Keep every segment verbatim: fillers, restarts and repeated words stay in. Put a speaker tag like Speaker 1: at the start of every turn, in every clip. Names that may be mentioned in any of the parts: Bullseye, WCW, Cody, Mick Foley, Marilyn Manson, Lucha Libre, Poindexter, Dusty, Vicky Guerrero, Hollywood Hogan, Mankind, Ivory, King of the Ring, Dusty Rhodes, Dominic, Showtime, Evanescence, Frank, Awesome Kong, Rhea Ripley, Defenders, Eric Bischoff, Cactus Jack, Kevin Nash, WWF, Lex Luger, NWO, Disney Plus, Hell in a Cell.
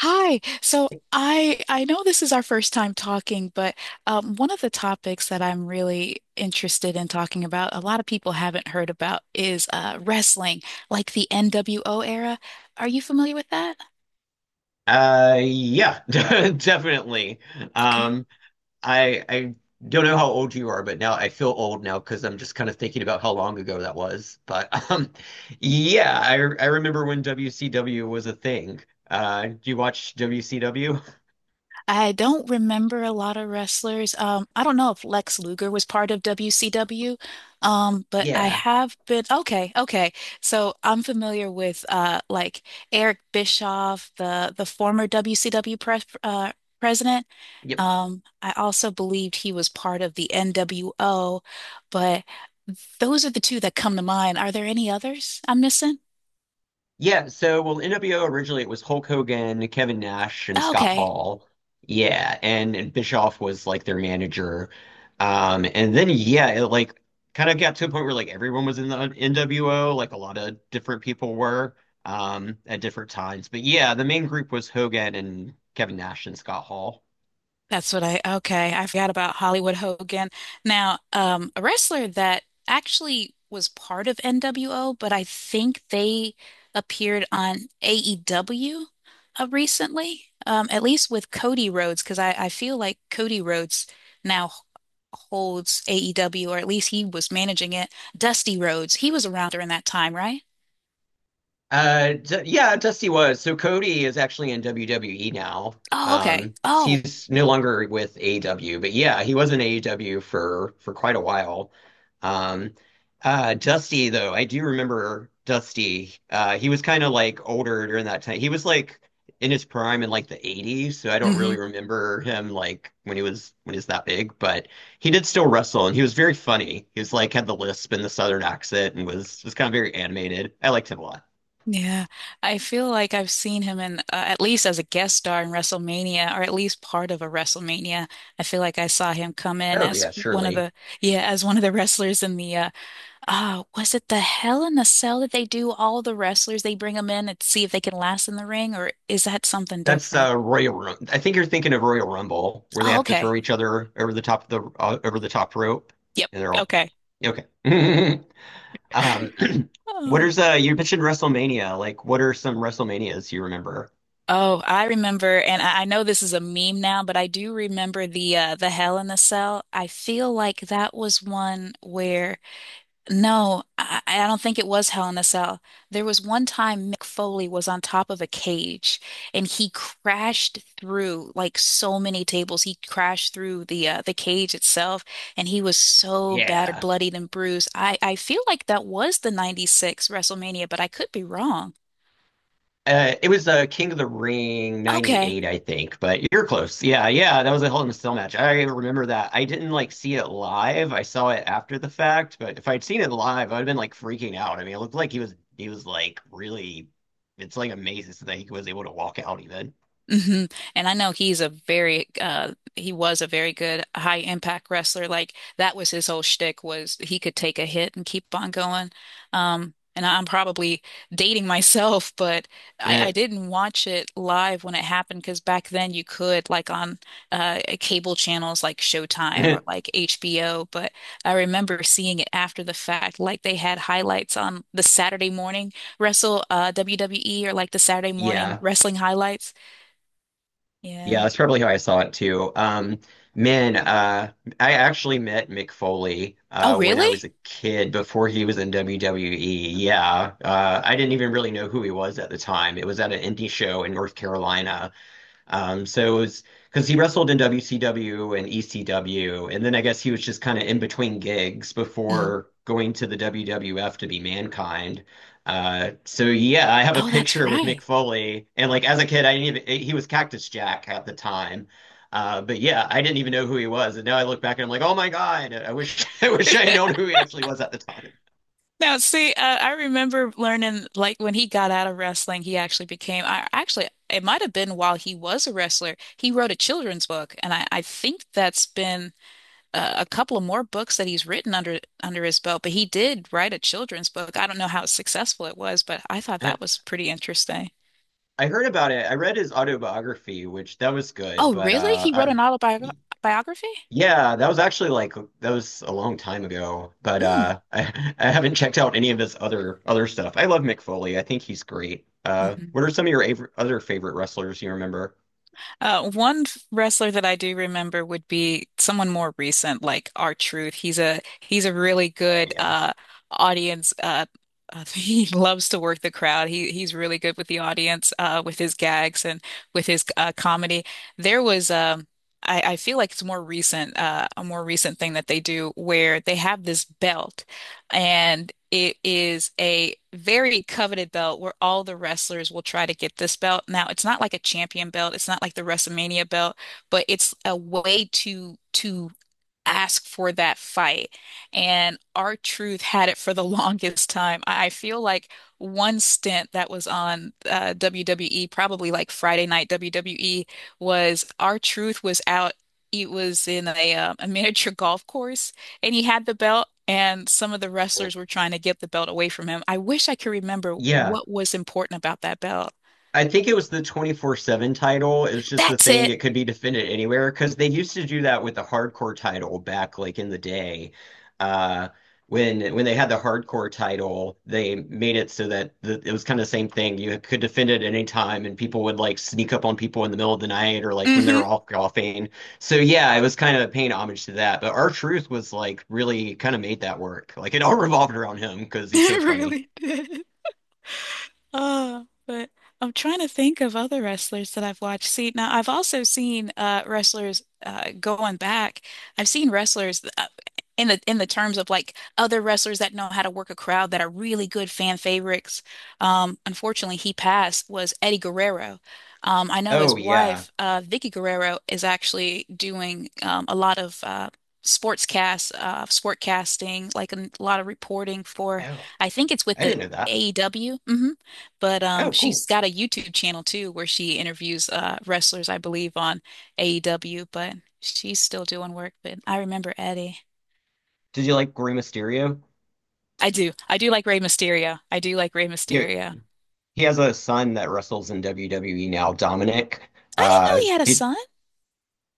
Speaker 1: Hi. So I I know this is our first time talking, but um, one of the topics that I'm really interested in talking about, a lot of people haven't heard about, is uh, wrestling, like the N W O era. Are you familiar with that?
Speaker 2: Uh, yeah, definitely.
Speaker 1: Okay.
Speaker 2: Um, I I don't know how old you are, but now I feel old now because I'm just kind of thinking about how long ago that was. But um, yeah, I I remember when W C W was a thing. Uh, do you watch W C W?
Speaker 1: I don't remember a lot of wrestlers. Um, I don't know if Lex Luger was part of W C W, um, but I
Speaker 2: Yeah.
Speaker 1: have been okay, okay. So I'm familiar with uh, like Eric Bischoff, the the former W C W pres uh, president.
Speaker 2: Yep.
Speaker 1: Um, I also believed he was part of the N W O, but those are the two that come to mind. Are there any others I'm missing?
Speaker 2: Yeah, so well, N W O originally it was Hulk Hogan, Kevin Nash, and Scott
Speaker 1: Okay.
Speaker 2: Hall. Yeah, and, and Bischoff was like their manager. Um, and then yeah, it like kind of got to a point where like everyone was in the N W O, like a lot of different people were um at different times. But yeah, the main group was Hogan and Kevin Nash and Scott Hall.
Speaker 1: That's what I, okay. I forgot about Hollywood Hogan. Now, um, a wrestler that actually was part of N W O, but I think they appeared on A E W uh, recently, um, at least with Cody Rhodes, because I, I feel like Cody Rhodes now holds A E W, or at least he was managing it. Dusty Rhodes, he was around during that time, right?
Speaker 2: Uh, d Yeah, Dusty was. So Cody is actually in W W E now.
Speaker 1: Oh, okay.
Speaker 2: Um,
Speaker 1: Oh,
Speaker 2: he's no longer with A E W, but yeah, he was in A E W for for quite a while. Um, uh, Dusty though, I do remember Dusty. Uh, he was kind of like older during that time. He was like in his prime in like the eighties, so I don't
Speaker 1: hmm.
Speaker 2: really remember him like when he was when he was that big, but he did still wrestle and he was very funny. He was like had the lisp and the southern accent and was was kind of very animated. I liked him a lot.
Speaker 1: Yeah, I feel like I've seen him in uh, at least as a guest star in WrestleMania, or at least part of a WrestleMania. I feel like I saw him come in
Speaker 2: Oh
Speaker 1: as
Speaker 2: yeah,
Speaker 1: one of
Speaker 2: surely.
Speaker 1: the yeah, as one of the wrestlers in the uh, uh was it the Hell in a Cell that they do all the wrestlers they bring them in and see if they can last in the ring, or is that something
Speaker 2: That's
Speaker 1: different?
Speaker 2: uh, Royal Rum. I think you're thinking of Royal Rumble, where they
Speaker 1: Oh,
Speaker 2: have to throw
Speaker 1: okay.
Speaker 2: each other over the top of the uh, over the top rope,
Speaker 1: Yep.
Speaker 2: and they're all
Speaker 1: Okay.
Speaker 2: okay. Um, what
Speaker 1: Oh.
Speaker 2: is uh? You mentioned WrestleMania. Like, what are some WrestleManias you remember?
Speaker 1: Oh, I remember, and I I know this is a meme now, but I do remember the uh, the Hell in the Cell. I feel like that was one where. No, I, I don't think it was Hell in a Cell. There was one time Mick Foley was on top of a cage and he crashed through like so many tables. He crashed through the uh, the cage itself and he was so battered,
Speaker 2: Yeah.
Speaker 1: bloodied, and bruised. I, I feel like that was the ninety-six WrestleMania, but I could be wrong.
Speaker 2: Uh, it was uh, King of the Ring
Speaker 1: Okay.
Speaker 2: 'ninety-eight, I think. But you're close. Yeah, yeah, that was a Hell in a Cell match. I remember that. I didn't like see it live. I saw it after the fact. But if I'd seen it live, I'd have been like freaking out. I mean, it looked like he was he was like really. It's like amazing that he was able to walk out even.
Speaker 1: Hmm. And I know he's a very uh he was a very good high impact wrestler. Like that was his whole shtick was he could take a hit and keep on going. Um and I'm probably dating myself, but I, I didn't watch it live when it happened because back then you could like on uh cable channels like Showtime or like H B O, but I remember seeing it after the fact, like they had highlights on the Saturday morning wrestle uh W W E or like the Saturday morning
Speaker 2: Yeah.
Speaker 1: wrestling highlights.
Speaker 2: Yeah,
Speaker 1: Yeah.
Speaker 2: that's probably how I saw it too. Um, man, uh, I actually met Mick Foley
Speaker 1: Oh,
Speaker 2: uh, when
Speaker 1: really?
Speaker 2: I was a kid before he was in W W E. Yeah, uh, I didn't even really know who he was at the time. It was at an indie show in North Carolina. um, So it was because he wrestled in W C W and E C W, and then I guess he was just kind of in between gigs
Speaker 1: Hmm.
Speaker 2: before going to the W W F to be Mankind. Uh, so yeah, I have a
Speaker 1: Oh, that's
Speaker 2: picture with Mick
Speaker 1: right.
Speaker 2: Foley, and like as a kid, I didn't even, he was Cactus Jack at the time. Uh, but yeah, I didn't even know who he was, and now I look back and I'm like, oh my God, I wish I wish I had known who he actually was at the time.
Speaker 1: Now, see, uh, I remember learning like when he got out of wrestling, he actually became, I actually, it might have been while he was a wrestler, he wrote a children's book, and I, I think that's been uh, a couple of more books that he's written under under his belt. But he did write a children's book. I don't know how successful it was, but I thought that was pretty interesting.
Speaker 2: I heard about it. I read his autobiography, which that was good,
Speaker 1: Oh,
Speaker 2: but
Speaker 1: really?
Speaker 2: uh,
Speaker 1: He wrote an
Speaker 2: I,
Speaker 1: autobiography?
Speaker 2: yeah, that was actually like that was a long time ago, but
Speaker 1: Mm.
Speaker 2: uh I, I haven't checked out any of his other other stuff. I love Mick Foley. I think he's great. Uh
Speaker 1: Hmm.
Speaker 2: what are some of your av- other favorite wrestlers you remember?
Speaker 1: Uh, one wrestler that I do remember would be someone more recent, like R-Truth. He's a he's a really
Speaker 2: Oh
Speaker 1: good
Speaker 2: yeah.
Speaker 1: uh, audience. Uh, uh, he loves to work the crowd. He he's really good with the audience, uh, with his gags and with his uh, comedy. There was um, I, I feel like it's more recent, uh, a more recent thing that they do where they have this belt. And it is a very coveted belt where all the wrestlers will try to get this belt. Now, it's not like a champion belt. It's not like the WrestleMania belt, but it's a way to to ask for that fight. And R-Truth had it for the longest time. I I feel like one stint that was on uh, W W E, probably like Friday Night W W E, was R-Truth was out. It was in a, um, a miniature golf course and he had the belt. And some of the wrestlers were trying to get the belt away from him. I wish I could remember
Speaker 2: Yeah,
Speaker 1: what was important about that belt.
Speaker 2: I think it was the twenty-four seven title. It was just the
Speaker 1: That's
Speaker 2: thing.
Speaker 1: it.
Speaker 2: It could be defended anywhere because they used to do that with the hardcore title back like in the day. Uh, when when they had the hardcore title, they made it so that the, it was kind of the same thing. You could defend it at any time, and people would like sneak up on people in the middle of the night or like when they
Speaker 1: Hmm.
Speaker 2: are all golfing. So yeah, it was kind of paying homage to that. But our truth was like really kind of made that work. Like it all revolved around him because he's so
Speaker 1: It
Speaker 2: funny.
Speaker 1: really did. Uh, but I'm trying to think of other wrestlers that I've watched. See, now I've also seen uh wrestlers uh going back. I've seen wrestlers uh, in the in the terms of like other wrestlers that know how to work a crowd that are really good fan favorites. Um, unfortunately, he passed was Eddie Guerrero. Um, I know
Speaker 2: Oh
Speaker 1: his
Speaker 2: yeah.
Speaker 1: wife, uh, Vicky Guerrero, is actually doing um, a lot of uh sportscast, uh, sport casting, like a lot of reporting for.
Speaker 2: Oh,
Speaker 1: I think it's with
Speaker 2: I
Speaker 1: the
Speaker 2: didn't know that.
Speaker 1: A E W. But um,
Speaker 2: Oh,
Speaker 1: she's
Speaker 2: cool.
Speaker 1: got a YouTube channel too where she interviews uh, wrestlers, I believe, on A E W, but she's still doing work. But I remember Eddie.
Speaker 2: Did you like Rey Mysterio?
Speaker 1: I do. I do like Rey Mysterio. I do like Rey
Speaker 2: You,
Speaker 1: Mysterio.
Speaker 2: he has a son that wrestles in W W E now, Dominic.
Speaker 1: I didn't know
Speaker 2: Uh,
Speaker 1: he had a
Speaker 2: he
Speaker 1: son.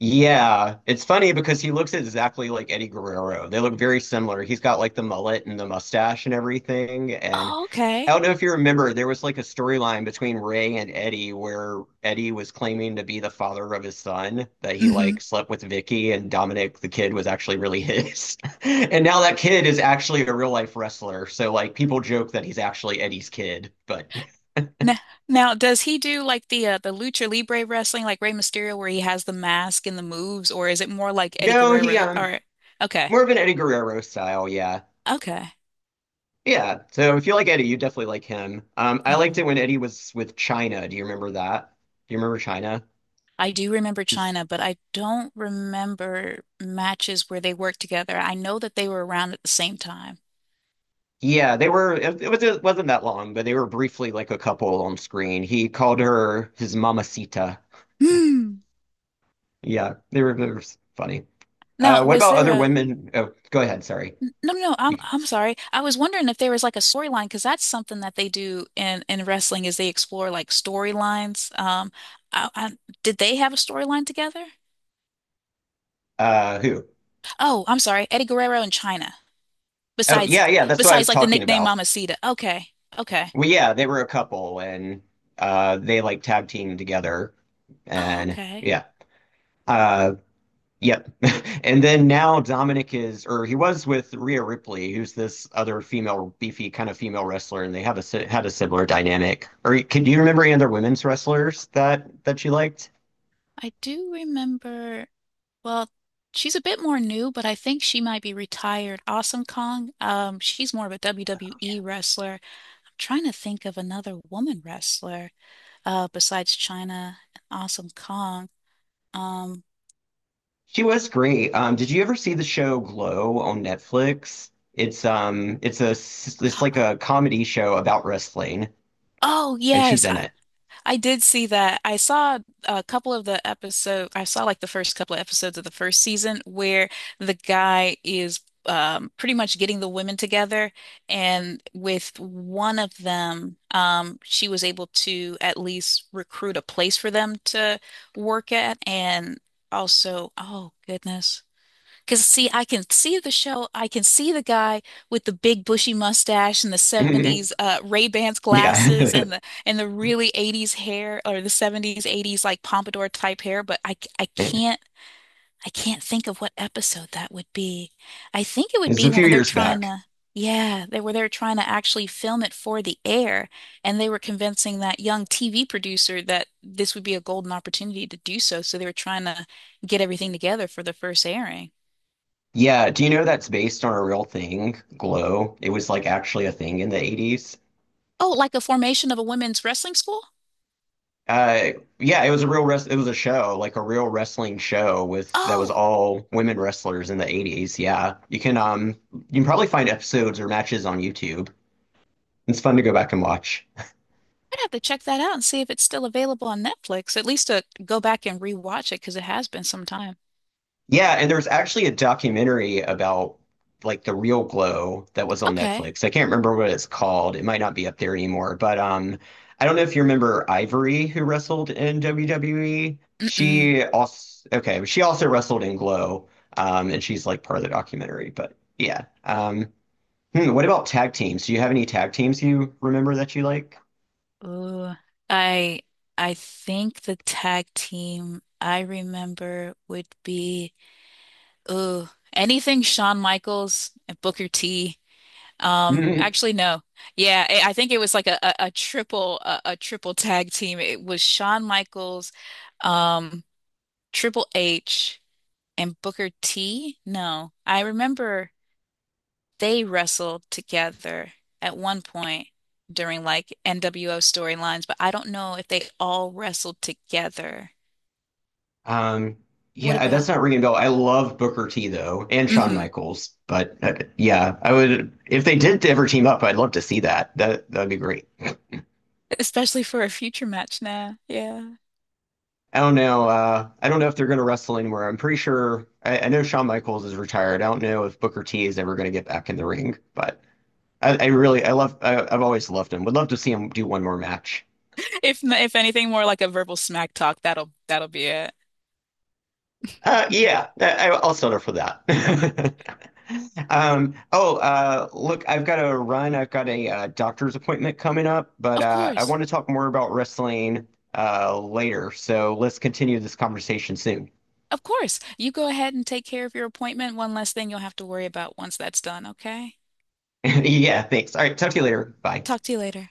Speaker 2: Yeah, it's funny because he looks exactly like Eddie Guerrero. They look very similar. He's got like the mullet and the mustache and everything. And
Speaker 1: Oh,
Speaker 2: I
Speaker 1: okay.
Speaker 2: don't know if you remember, there was like a storyline between Ray and Eddie where Eddie was claiming to be the father of his son, that he
Speaker 1: Hmm.
Speaker 2: like slept with Vicky and Dominic the kid was actually really his. And now that kid is actually a real life wrestler. So like people joke that he's actually Eddie's kid, but
Speaker 1: Now, now, does he do like the uh, the Lucha Libre wrestling, like Rey Mysterio, where he has the mask and the moves, or is it more like Eddie
Speaker 2: no, he
Speaker 1: Guerrero?
Speaker 2: um
Speaker 1: Or okay,
Speaker 2: more of an Eddie Guerrero style, yeah.
Speaker 1: okay.
Speaker 2: Yeah, so if you like Eddie, you definitely like him. Um, I liked
Speaker 1: Mm-hmm.
Speaker 2: it when Eddie was with China. Do you remember that? Do you remember China?
Speaker 1: I do remember
Speaker 2: Just
Speaker 1: China, but I don't remember matches where they worked together. I know that they were around at the same time.
Speaker 2: Yeah, they were. It, it was it wasn't that long, but they were briefly like a couple on screen. He called her his mamacita.
Speaker 1: Hmm.
Speaker 2: Yeah, they were, they were funny.
Speaker 1: Now,
Speaker 2: Uh, what
Speaker 1: was
Speaker 2: about
Speaker 1: there
Speaker 2: other
Speaker 1: a
Speaker 2: women? Oh, go ahead. Sorry.
Speaker 1: no, no, no, I'm
Speaker 2: You,
Speaker 1: I'm sorry. I was wondering if there was like a storyline because that's something that they do in in wrestling is they explore like storylines. Um, I, I, did they have a storyline together?
Speaker 2: uh, who?
Speaker 1: Oh, I'm sorry, Eddie Guerrero and China.
Speaker 2: Oh,
Speaker 1: Besides,
Speaker 2: yeah, yeah. That's what I was
Speaker 1: besides like the
Speaker 2: talking
Speaker 1: nickname
Speaker 2: about.
Speaker 1: Mamacita. Okay, okay.
Speaker 2: Well, yeah, they were a couple, and uh, they like tag team together,
Speaker 1: Oh,
Speaker 2: and
Speaker 1: okay.
Speaker 2: yeah. Uh, Yep. And then now Dominic is, or he was with Rhea Ripley, who's this other female, beefy kind of female wrestler, and they have a si- had a similar dynamic. Or can do you remember any other women's wrestlers that that you liked?
Speaker 1: I do remember, well, she's a bit more new, but I think she might be retired. Awesome Kong, um, she's more of a W W E wrestler. I'm trying to think of another woman wrestler uh, besides China and Awesome Kong. Um,
Speaker 2: She was great. Um, did you ever see the show Glow on Netflix? It's um, it's a s- it's like a comedy show about wrestling,
Speaker 1: oh,
Speaker 2: and she's
Speaker 1: yes,
Speaker 2: in it.
Speaker 1: I did see that. I saw a couple of the episode. I saw like the first couple of episodes of the first season where the guy is um, pretty much getting the women together, and with one of them, um, she was able to at least recruit a place for them to work at, and also, oh goodness. Because see, I can see the show. I can see the guy with the big bushy mustache and the seventies uh, Ray-Bans glasses
Speaker 2: Yeah,
Speaker 1: and the and the really eighties hair or the seventies eighties like pompadour type hair, but I I
Speaker 2: it's
Speaker 1: can't I can't think of what episode that would be. I think it
Speaker 2: a
Speaker 1: would be
Speaker 2: few
Speaker 1: when they're
Speaker 2: years
Speaker 1: trying
Speaker 2: back.
Speaker 1: to yeah, they were they're trying to actually film it for the air and they were convincing that young T V producer that this would be a golden opportunity to do so, so they were trying to get everything together for the first airing.
Speaker 2: Yeah, do you know that's based on a real thing, Glow? It was like actually a thing in the eighties.
Speaker 1: Oh, like a formation of a women's wrestling school?
Speaker 2: Uh yeah, it was a real res it was a show, like a real wrestling show with that was
Speaker 1: Oh,
Speaker 2: all women wrestlers in the eighties. Yeah. You can um you can probably find episodes or matches on YouTube. It's fun to go back and watch.
Speaker 1: I'd have to check that out and see if it's still available on Netflix. At least to go back and rewatch it because it has been some time.
Speaker 2: Yeah, and there's actually a documentary about like the real glow that was on
Speaker 1: Okay.
Speaker 2: Netflix. I can't remember what it's called. It might not be up there anymore, but um I don't know if you remember Ivory who wrestled in W W E.
Speaker 1: Mm-mm.
Speaker 2: She also okay, she also wrestled in Glow. Um and she's like part of the documentary, but yeah. Um hmm, what about tag teams? Do you have any tag teams you remember that you like?
Speaker 1: Ooh, I I think the tag team I remember would be ooh, anything Shawn Michaels and Booker T. Um, actually no. Yeah, I I think it was like a, a, a triple a, a triple tag team. It was Shawn Michaels, um, Triple H. and Booker T? No, I remember they wrestled together at one point during like N W O storylines, but I don't know if they all wrestled together.
Speaker 2: Um,
Speaker 1: What
Speaker 2: yeah, that's
Speaker 1: about?
Speaker 2: not ringing a bell. I love Booker T though, and Shawn
Speaker 1: Hmm.
Speaker 2: Michaels. But uh, yeah, I would if they did ever team up, I'd love to see that. That that'd be great.
Speaker 1: Especially for a future match now. Yeah.
Speaker 2: I don't know. Uh, I don't know if they're going to wrestle anywhere. I'm pretty sure. I, I know Shawn Michaels is retired. I don't know if Booker T is ever going to get back in the ring. But I, I really, I love. I, I've always loved him. Would love to see him do one more match.
Speaker 1: If n- if anything more like a verbal smack talk, that'll that'll be it.
Speaker 2: Uh, yeah, that, I- I'll settle for that. Um, oh, uh, Look, I've got to run. I've got a uh, doctor's appointment coming up, but
Speaker 1: Of
Speaker 2: uh, I
Speaker 1: course.
Speaker 2: want to talk more about wrestling uh, later. So let's continue this conversation soon.
Speaker 1: Of course. You go ahead and take care of your appointment. One less thing you'll have to worry about once that's done, okay?
Speaker 2: Yeah, thanks. All right, talk to you later. Bye.
Speaker 1: Talk to you later.